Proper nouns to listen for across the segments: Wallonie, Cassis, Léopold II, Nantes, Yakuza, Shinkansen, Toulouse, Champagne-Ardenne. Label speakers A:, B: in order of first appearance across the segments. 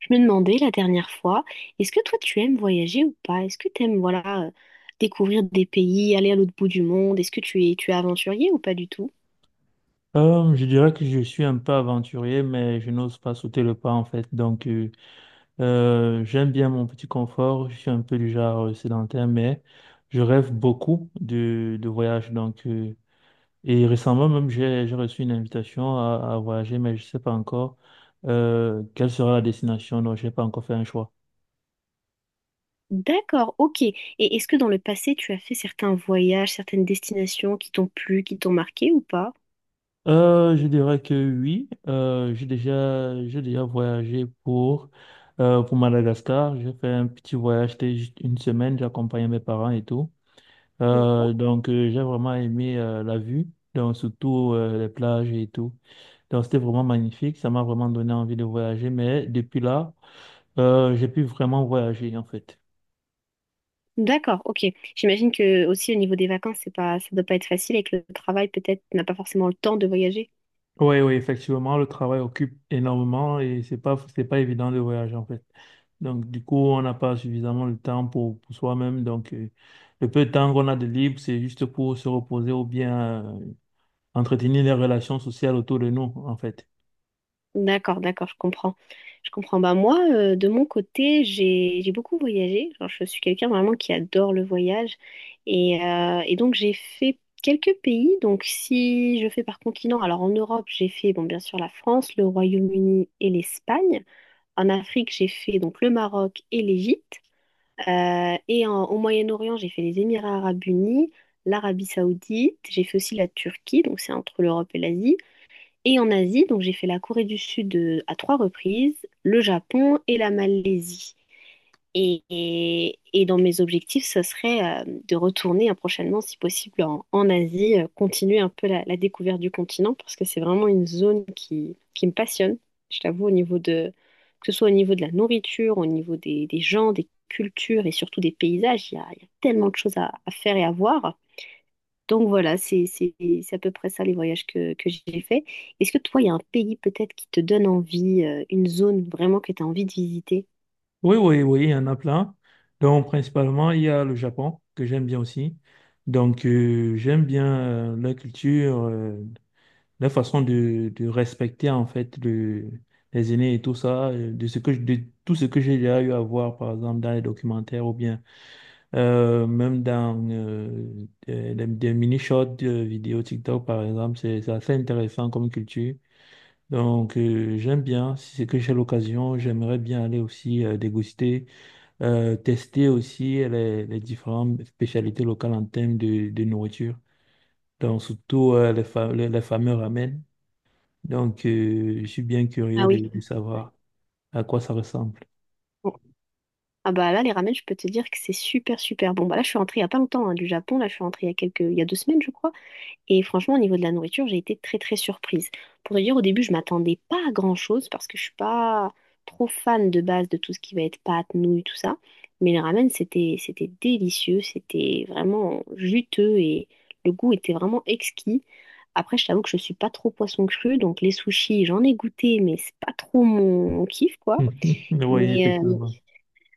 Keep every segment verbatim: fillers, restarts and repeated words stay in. A: Je me demandais la dernière fois, est-ce que toi tu aimes voyager ou pas? Est-ce que tu aimes voilà euh, découvrir des pays, aller à l'autre bout du monde? Est-ce que tu es tu es aventurier ou pas du tout?
B: Euh, je dirais que je suis un peu aventurier, mais je n'ose pas sauter le pas en fait. Donc, euh, euh, j'aime bien mon petit confort. Je suis un peu du genre euh, sédentaire, mais je rêve beaucoup de, de voyages. Donc, euh, et récemment même, j'ai, j'ai reçu une invitation à, à voyager, mais je ne sais pas encore euh, quelle sera la destination. Donc, je n'ai pas encore fait un choix.
A: D'accord, ok. Et est-ce que dans le passé tu as fait certains voyages, certaines destinations qui t'ont plu, qui t'ont marqué ou pas?
B: Euh, je dirais que oui. Euh, j'ai déjà, j'ai déjà voyagé pour, euh, pour Madagascar. J'ai fait un petit voyage, c'était juste une semaine, j'ai accompagné mes parents et tout. Euh,
A: D'accord.
B: donc, euh, j'ai vraiment aimé euh, la vue, donc surtout euh, les plages et tout. Donc, c'était vraiment magnifique. Ça m'a vraiment donné envie de voyager. Mais depuis là, euh, j'ai pu vraiment voyager en fait.
A: D'accord, ok. J'imagine que aussi au niveau des vacances, c'est pas, ça doit pas être facile et que le travail, peut-être n'a pas forcément le temps de voyager.
B: Oui, oui, effectivement, le travail occupe énormément et c'est pas, c'est pas évident de voyager en fait. Donc, du coup, on n'a pas suffisamment le temps pour, pour soi-même. Donc, euh, le peu de temps qu'on a de libre, c'est juste pour se reposer ou bien euh, entretenir les relations sociales autour de nous, en fait.
A: D'accord, d'accord, je comprends. Je comprends. Bah moi, euh, de mon côté, j'ai j'ai beaucoup voyagé. Genre, je suis quelqu'un vraiment qui adore le voyage. Et, euh, et donc, j'ai fait quelques pays. Donc, si je fais par continent, alors en Europe, j'ai fait, bon, bien sûr, la France, le Royaume-Uni et l'Espagne. En Afrique, j'ai fait donc le Maroc et l'Égypte. Euh, et en- au Moyen-Orient, j'ai fait les Émirats arabes unis, l'Arabie saoudite. J'ai fait aussi la Turquie, donc c'est entre l'Europe et l'Asie. Et en Asie, donc j'ai fait la Corée du Sud euh, à trois reprises, le Japon et la Malaisie. Et, et- et dans mes objectifs, ce serait euh, de retourner euh, prochainement, si possible, en, en Asie, euh, continuer un peu la, la découverte du continent, parce que c'est vraiment une zone qui, qui me passionne, je t'avoue, au niveau de, que ce soit au niveau de la nourriture, au niveau des, des gens, des cultures et surtout des paysages, il y a, il y a tellement de choses à à faire et à voir. Donc voilà, c'est c'est- c'est à peu près ça les voyages que, que j'ai fait. Est-ce que toi, il y a un pays peut-être qui te donne envie, euh, une zone vraiment que tu as envie de visiter?
B: Oui, oui, oui, il y en a plein. Donc, principalement, il y a le Japon, que j'aime bien aussi. Donc, euh, j'aime bien euh, la culture. Euh, leur façon de, de respecter en fait le, les aînés et tout ça, euh, de ce que je- de tout ce que j'ai déjà eu à voir par exemple dans les documentaires ou bien euh, même dans euh, des, des- des mini-shorts euh, vidéo TikTok par exemple, c'est c'est assez intéressant comme culture. Donc euh, j'aime bien, si c'est que j'ai l'occasion, j'aimerais bien aller aussi euh, déguster, euh, tester aussi les, les différentes spécialités locales en termes de, de nourriture. Donc surtout euh, les, fa- les les fameux ramen. Donc, euh, je suis bien
A: Ah
B: curieux
A: oui.
B: de, de savoir à quoi ça ressemble.
A: Bon. Ah bah là, les ramen, je peux te dire que c'est super, super bon. Bah là, je suis rentrée il n'y a pas longtemps hein, du Japon. Là, je suis rentrée il y a quelques... il y a deux semaines, je crois. Et franchement, au niveau de la nourriture, j'ai été très très surprise. Pour te dire, au début, je m'attendais pas à grand-chose parce que je suis pas trop fan de base de tout ce qui va être pâtes, nouilles, tout ça. Mais les ramen, c'était c'était délicieux, c'était vraiment juteux et le goût était vraiment exquis. Après, je t'avoue que je suis pas trop poisson cru, donc les sushis, j'en ai goûté, mais c'est pas trop mon, mon kiff, quoi.
B: Oui,
A: Mais euh,
B: effectivement.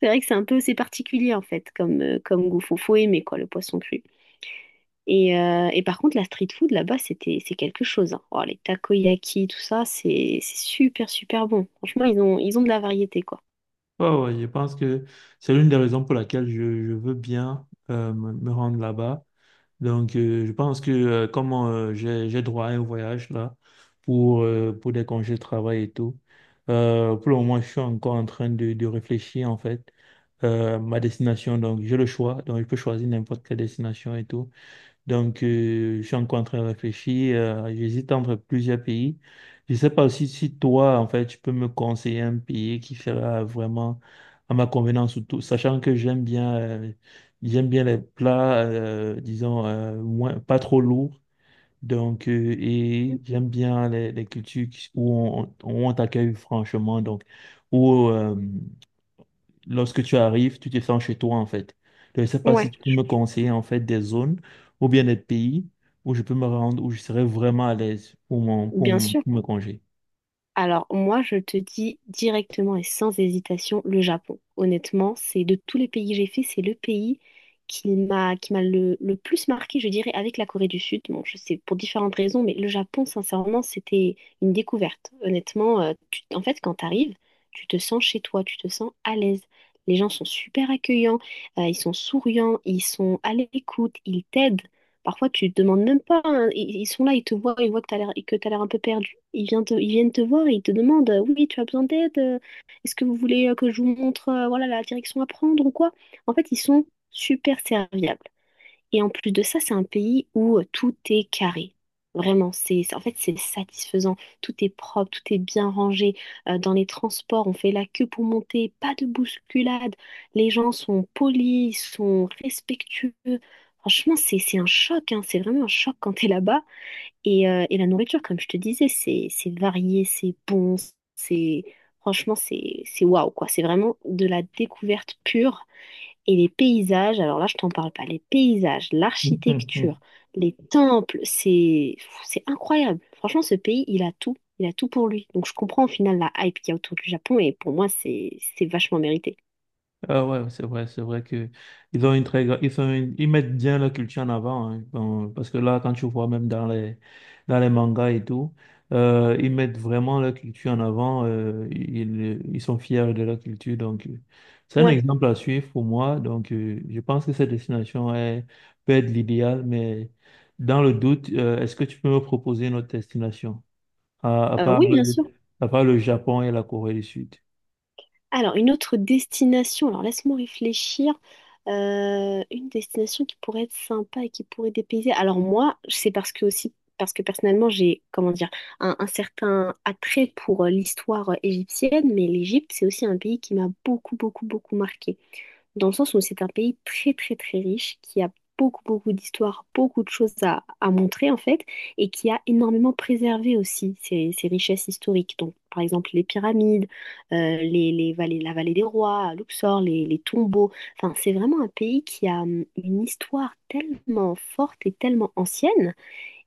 A: c'est vrai que c'est un peu, c'est particulier en fait, comme, euh, comme goût. Faut, faut aimer quoi, le poisson cru. Et, euh, et par contre, la street food là-bas, c'était, c'est quelque chose, hein. Oh, les takoyaki, tout ça, c'est c'est super, super bon. Franchement, ils ont, ils ont de la variété, quoi.
B: Ouais, ouais, je pense que c'est l'une des raisons pour laquelle je, je veux bien euh, me me rendre là-bas. Donc, euh, je pense que euh, comme euh, j'ai, j'ai droit à un voyage là pour, euh, pour des congés de travail et tout, euh, pour le moment, je suis encore en train de, de réfléchir en fait euh, ma destination. Donc, j'ai le choix. Donc, je peux choisir n'importe quelle destination et tout. Donc, euh, je suis encore en train de réfléchir. Euh, j'hésite entre plusieurs pays. Je ne sais pas aussi si toi, en fait, tu peux me conseiller un pays qui fera vraiment à ma convenance, surtout, sachant que j'aime bien, euh, j'aime bien les plats, euh, disons, euh, moins, pas trop lourds. Donc, euh, et j'aime bien les, les cultures qui- où on, où on t'accueille franchement. Donc, où, euh, lorsque tu arrives, tu te sens chez toi, en fait. Je ne sais pas si
A: Ouais,
B: tu peux me conseiller, en fait, des zones ou bien des pays où je peux me rendre, où je serai vraiment à l'aise pour mon, pour
A: bien
B: mon-
A: sûr.
B: pour me congé.
A: Alors moi, je te dis directement et sans hésitation le Japon. Honnêtement, c'est de tous les pays que j'ai fait, c'est le pays qui m'a qui m'a le, le plus marqué, je dirais, avec la Corée du Sud. Bon, je sais, pour différentes raisons, mais le Japon, sincèrement, c'était une découverte. Honnêtement, euh, tu- en fait, quand tu arrives, tu te sens chez toi, tu te sens à l'aise. Les gens sont super accueillants, euh, ils sont souriants, ils sont à l'écoute, ils t'aident. Parfois, tu te demandes même pas, hein. Ils, ils sont là, ils te voient, ils voient que tu as l'air, que t'as l'air un peu perdu. Ils viennent te, ils viennent te voir et ils te demandent, euh, oui, tu as besoin d'aide? euh, Est-ce que vous voulez euh, que je vous montre, euh, voilà, la direction à prendre ou quoi? En fait, ils sont super serviables. Et en plus de ça, c'est un pays où euh, tout est carré. Vraiment, c'est, c'est- en fait, c'est satisfaisant. Tout est propre, tout est bien rangé. Euh, dans les transports, on fait la queue pour monter, pas de bousculade. Les gens sont polis, ils sont respectueux. Franchement, c'est, c'est un choc, hein. C'est vraiment un choc quand t'es là-bas. Et, euh, et la nourriture, comme je te disais, c'est, c'est varié, c'est bon, c'est, franchement, c'est, c'est waouh, quoi. C'est vraiment de la découverte pure. Et les paysages, alors là, je t'en parle pas, les paysages, l'architecture, les temples, c'est c'est incroyable. Franchement, ce pays, il a tout, il a tout pour lui. Donc je comprends au final la hype qu'il y a autour du Japon et pour moi, c'est c'est vachement mérité.
B: Ah ouais, ouais, c'est vrai, c'est vrai que ils ont une très gra- ils sont une- ils mettent bien leur culture en avant, hein. Bon, parce que là quand tu vois même dans les dans les mangas et tout euh, ils mettent vraiment leur culture en avant euh, ils, ils sont fiers de leur culture donc euh, c'est un
A: Ouais.
B: exemple à suivre pour moi donc euh, je pense que cette destination est peut être l'idéal mais dans le doute euh, est-ce que tu peux me proposer une autre destination à, à
A: Euh,
B: part
A: oui, bien
B: euh,
A: sûr.
B: à part le Japon et la Corée du Sud?
A: Alors, une autre destination, alors laisse-moi réfléchir. Euh, une destination qui pourrait être sympa et qui pourrait dépayser. Alors moi, c'est parce que aussi, parce que personnellement, j'ai, comment dire, un, un certain attrait pour euh, l'histoire euh, égyptienne, mais l'Égypte, c'est aussi un pays qui m'a beaucoup, beaucoup, beaucoup marqué, dans le sens où c'est un pays très très très riche, qui a beaucoup beaucoup d'histoires, beaucoup de choses à, à montrer en fait, et qui a énormément préservé aussi ses, ses richesses historiques. Donc par exemple les pyramides, euh, les, les vallées, la vallée des rois, à Luxor, les, les tombeaux. Enfin c'est vraiment un pays qui a hum, une histoire tellement forte et tellement ancienne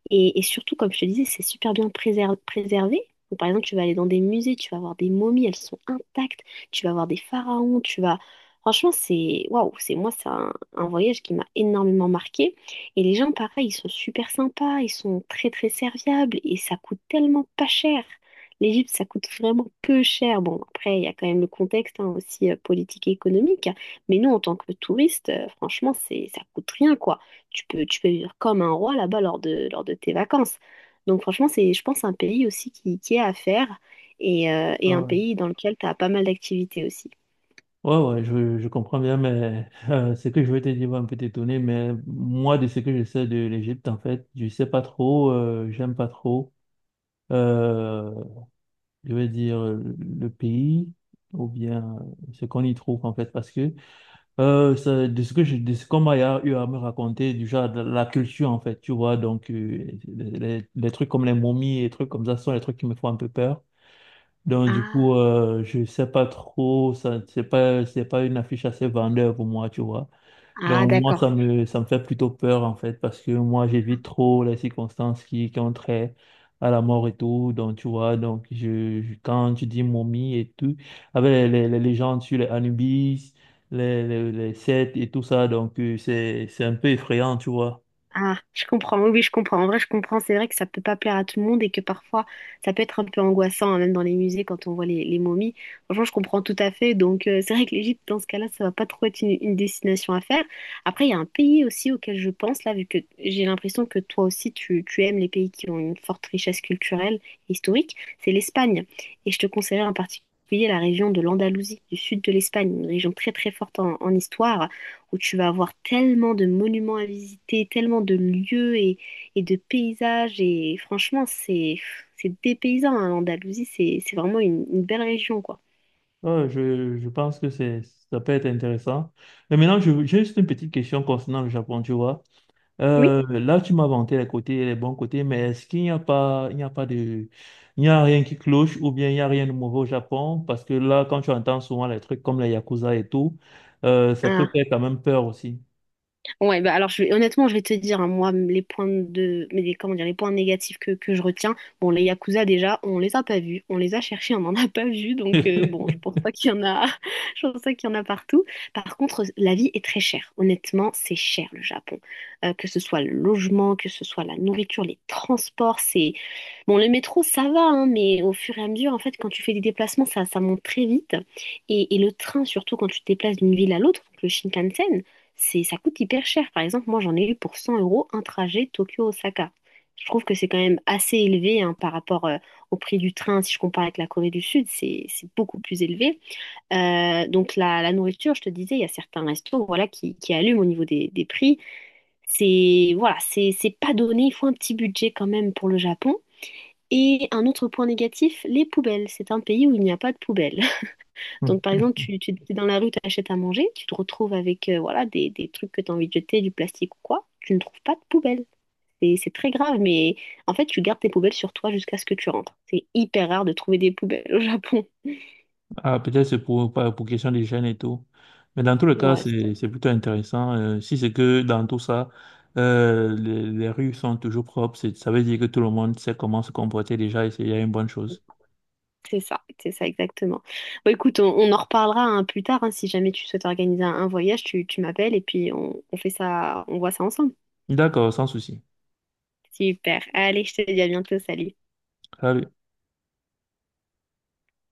A: et, et surtout, comme je te disais, c'est super bien préser- préservé. Donc, par exemple, tu vas aller dans des musées, tu vas voir des momies, elles sont intactes. Tu vas voir des pharaons, tu vas... Franchement, c'est... Waouh, c'est, moi, c'est un, un voyage qui m'a énormément marqué. Et les gens, pareil, ils sont super sympas, ils sont très, très serviables et ça coûte tellement pas cher. L'Égypte, ça coûte vraiment peu cher. Bon, après, il y a quand même le contexte, hein, aussi euh, politique et économique. Mais nous, en tant que touristes, euh, franchement, c'est, ça coûte rien, quoi, tu peux, tu peux vivre comme un roi là-bas lors de, lors de tes vacances. Donc franchement, c'est, je pense, un pays aussi qui, qui est à faire et, euh, et un pays dans lequel tu as pas mal d'activités aussi.
B: Ouais, ouais, je, je comprends bien, mais euh, ce que je veux te dire va un peu t'étonner, mais moi, de ce que je sais de l'Égypte, en fait, je sais pas trop, euh, j'aime pas trop, euh, je vais dire, euh, le pays, ou bien euh, ce qu'on y trouve, en fait, parce que euh, ça- de ce que je, de ce qu'on m'a eu à me raconter, du genre de la culture, en fait, tu vois, donc euh, les, les trucs comme les momies et trucs comme ça sont les trucs qui me font un peu peur. Donc du coup,
A: Ah,
B: euh, je sais pas trop, ça, c'est pas, c'est pas une affiche assez vendeur pour moi, tu vois.
A: ah
B: Donc moi, ça
A: d'accord.
B: me, ça me fait plutôt peur en fait, parce que moi, j'évite trop les circonstances qui, qui ont trait à la mort et tout. Donc tu vois, donc je, je- quand tu dis momie et tout, avec les, les, les légendes sur les Anubis, les, les, les Seth et tout ça, donc euh, c'est, c'est un peu effrayant, tu vois.
A: Ah, je comprends. Oui, oui, je comprends. En vrai, je comprends. C'est vrai que ça peut pas plaire à tout le monde et que parfois, ça peut être un peu angoissant, hein, même dans les musées, quand on voit les, les momies. Franchement, je comprends tout à fait. Donc, euh, c'est vrai que l'Égypte, dans ce cas-là, ça va pas trop être une, une destination à faire. Après, il y a un pays aussi auquel je pense, là, vu que j'ai l'impression que toi aussi, tu, tu aimes les pays qui ont une forte richesse culturelle et historique, c'est l'Espagne. Et je te conseillerais en particulier la région de l'Andalousie, du sud de l'Espagne, une région très, très forte en en histoire, où tu vas avoir tellement de monuments à visiter, tellement de lieux et, et de paysages. Et franchement, c'est c'est dépaysant, hein, l'Andalousie, c'est c'est vraiment une, une belle région, quoi.
B: Ouais, je, je pense que c'est, ça peut être intéressant. Mais maintenant, je- j'ai juste une petite question concernant le Japon, tu vois.
A: Oui.
B: Euh, là, tu m'as vanté les côtés, les bons côtés, mais est-ce qu'il n'y a pas, il n'y a pas de, il n'y a rien qui cloche ou bien il n'y a rien de mauvais au Japon? Parce que là, quand tu entends souvent les trucs comme les Yakuza et tout, euh, ça peut
A: Ah.
B: faire quand même peur aussi.
A: Ouais, bah alors je vais- honnêtement, je vais te dire, hein, moi, les points de, mais les- comment dire, les points négatifs que, que je retiens, bon, les Yakuza déjà, on les a pas vus, on les a cherchés, on n'en a pas vu, donc euh, bon, je pense pas qu'il y en a, je pense pas qu'il y en a partout. Par contre, la vie est très chère, honnêtement, c'est cher le Japon. Euh, que ce soit le logement, que ce soit la nourriture, les transports, c'est bon, le métro, ça va, hein, mais au fur et à mesure, en fait, quand tu fais des déplacements, ça, ça monte très vite. Et, et le train, surtout quand tu te déplaces d'une ville à l'autre, donc le Shinkansen, c'est, ça coûte hyper cher. Par exemple, moi, j'en ai eu pour cent euros un trajet Tokyo-Osaka. Je trouve que c'est quand même assez élevé, hein, par rapport euh, au prix du train. Si je compare avec la Corée du Sud, c'est, c'est beaucoup plus élevé. Euh, donc, la, la nourriture, je te disais, il y a certains restos voilà, qui, qui allument au niveau des, des prix. C'est, voilà, c'est c'est pas donné. Il faut un petit budget quand même pour le Japon. Et un autre point négatif, les poubelles. C'est un pays où il n'y a pas de poubelles. Donc, par exemple, tu, tu es dans la rue, tu achètes à manger, tu te retrouves avec euh, voilà, des, des trucs que tu as envie de jeter, du plastique ou quoi. Tu ne trouves pas de poubelle. Et c'est très grave, mais en fait, tu gardes tes poubelles sur toi jusqu'à ce que tu rentres. C'est hyper rare de trouver des poubelles au Japon.
B: Ah, peut-être c'est pour, pas- pour question des jeunes et tout. Mais dans tous les cas,
A: Ouais, c'est
B: c'est, c'est plutôt intéressant. Euh, si c'est que dans tout ça, euh, les, les rues sont toujours propres, c'est- ça veut dire que tout le monde sait comment se comporter déjà et c'est déjà une bonne chose.
A: c'est ça, c'est ça exactement. Bon, écoute, on, on en reparlera, hein, plus tard, hein, si jamais tu souhaites organiser un, un voyage, tu, tu m'appelles et puis on, on fait ça, on voit ça ensemble.
B: D'accord, sans souci.
A: Super. Allez, je te dis à bientôt. Salut.
B: Salut.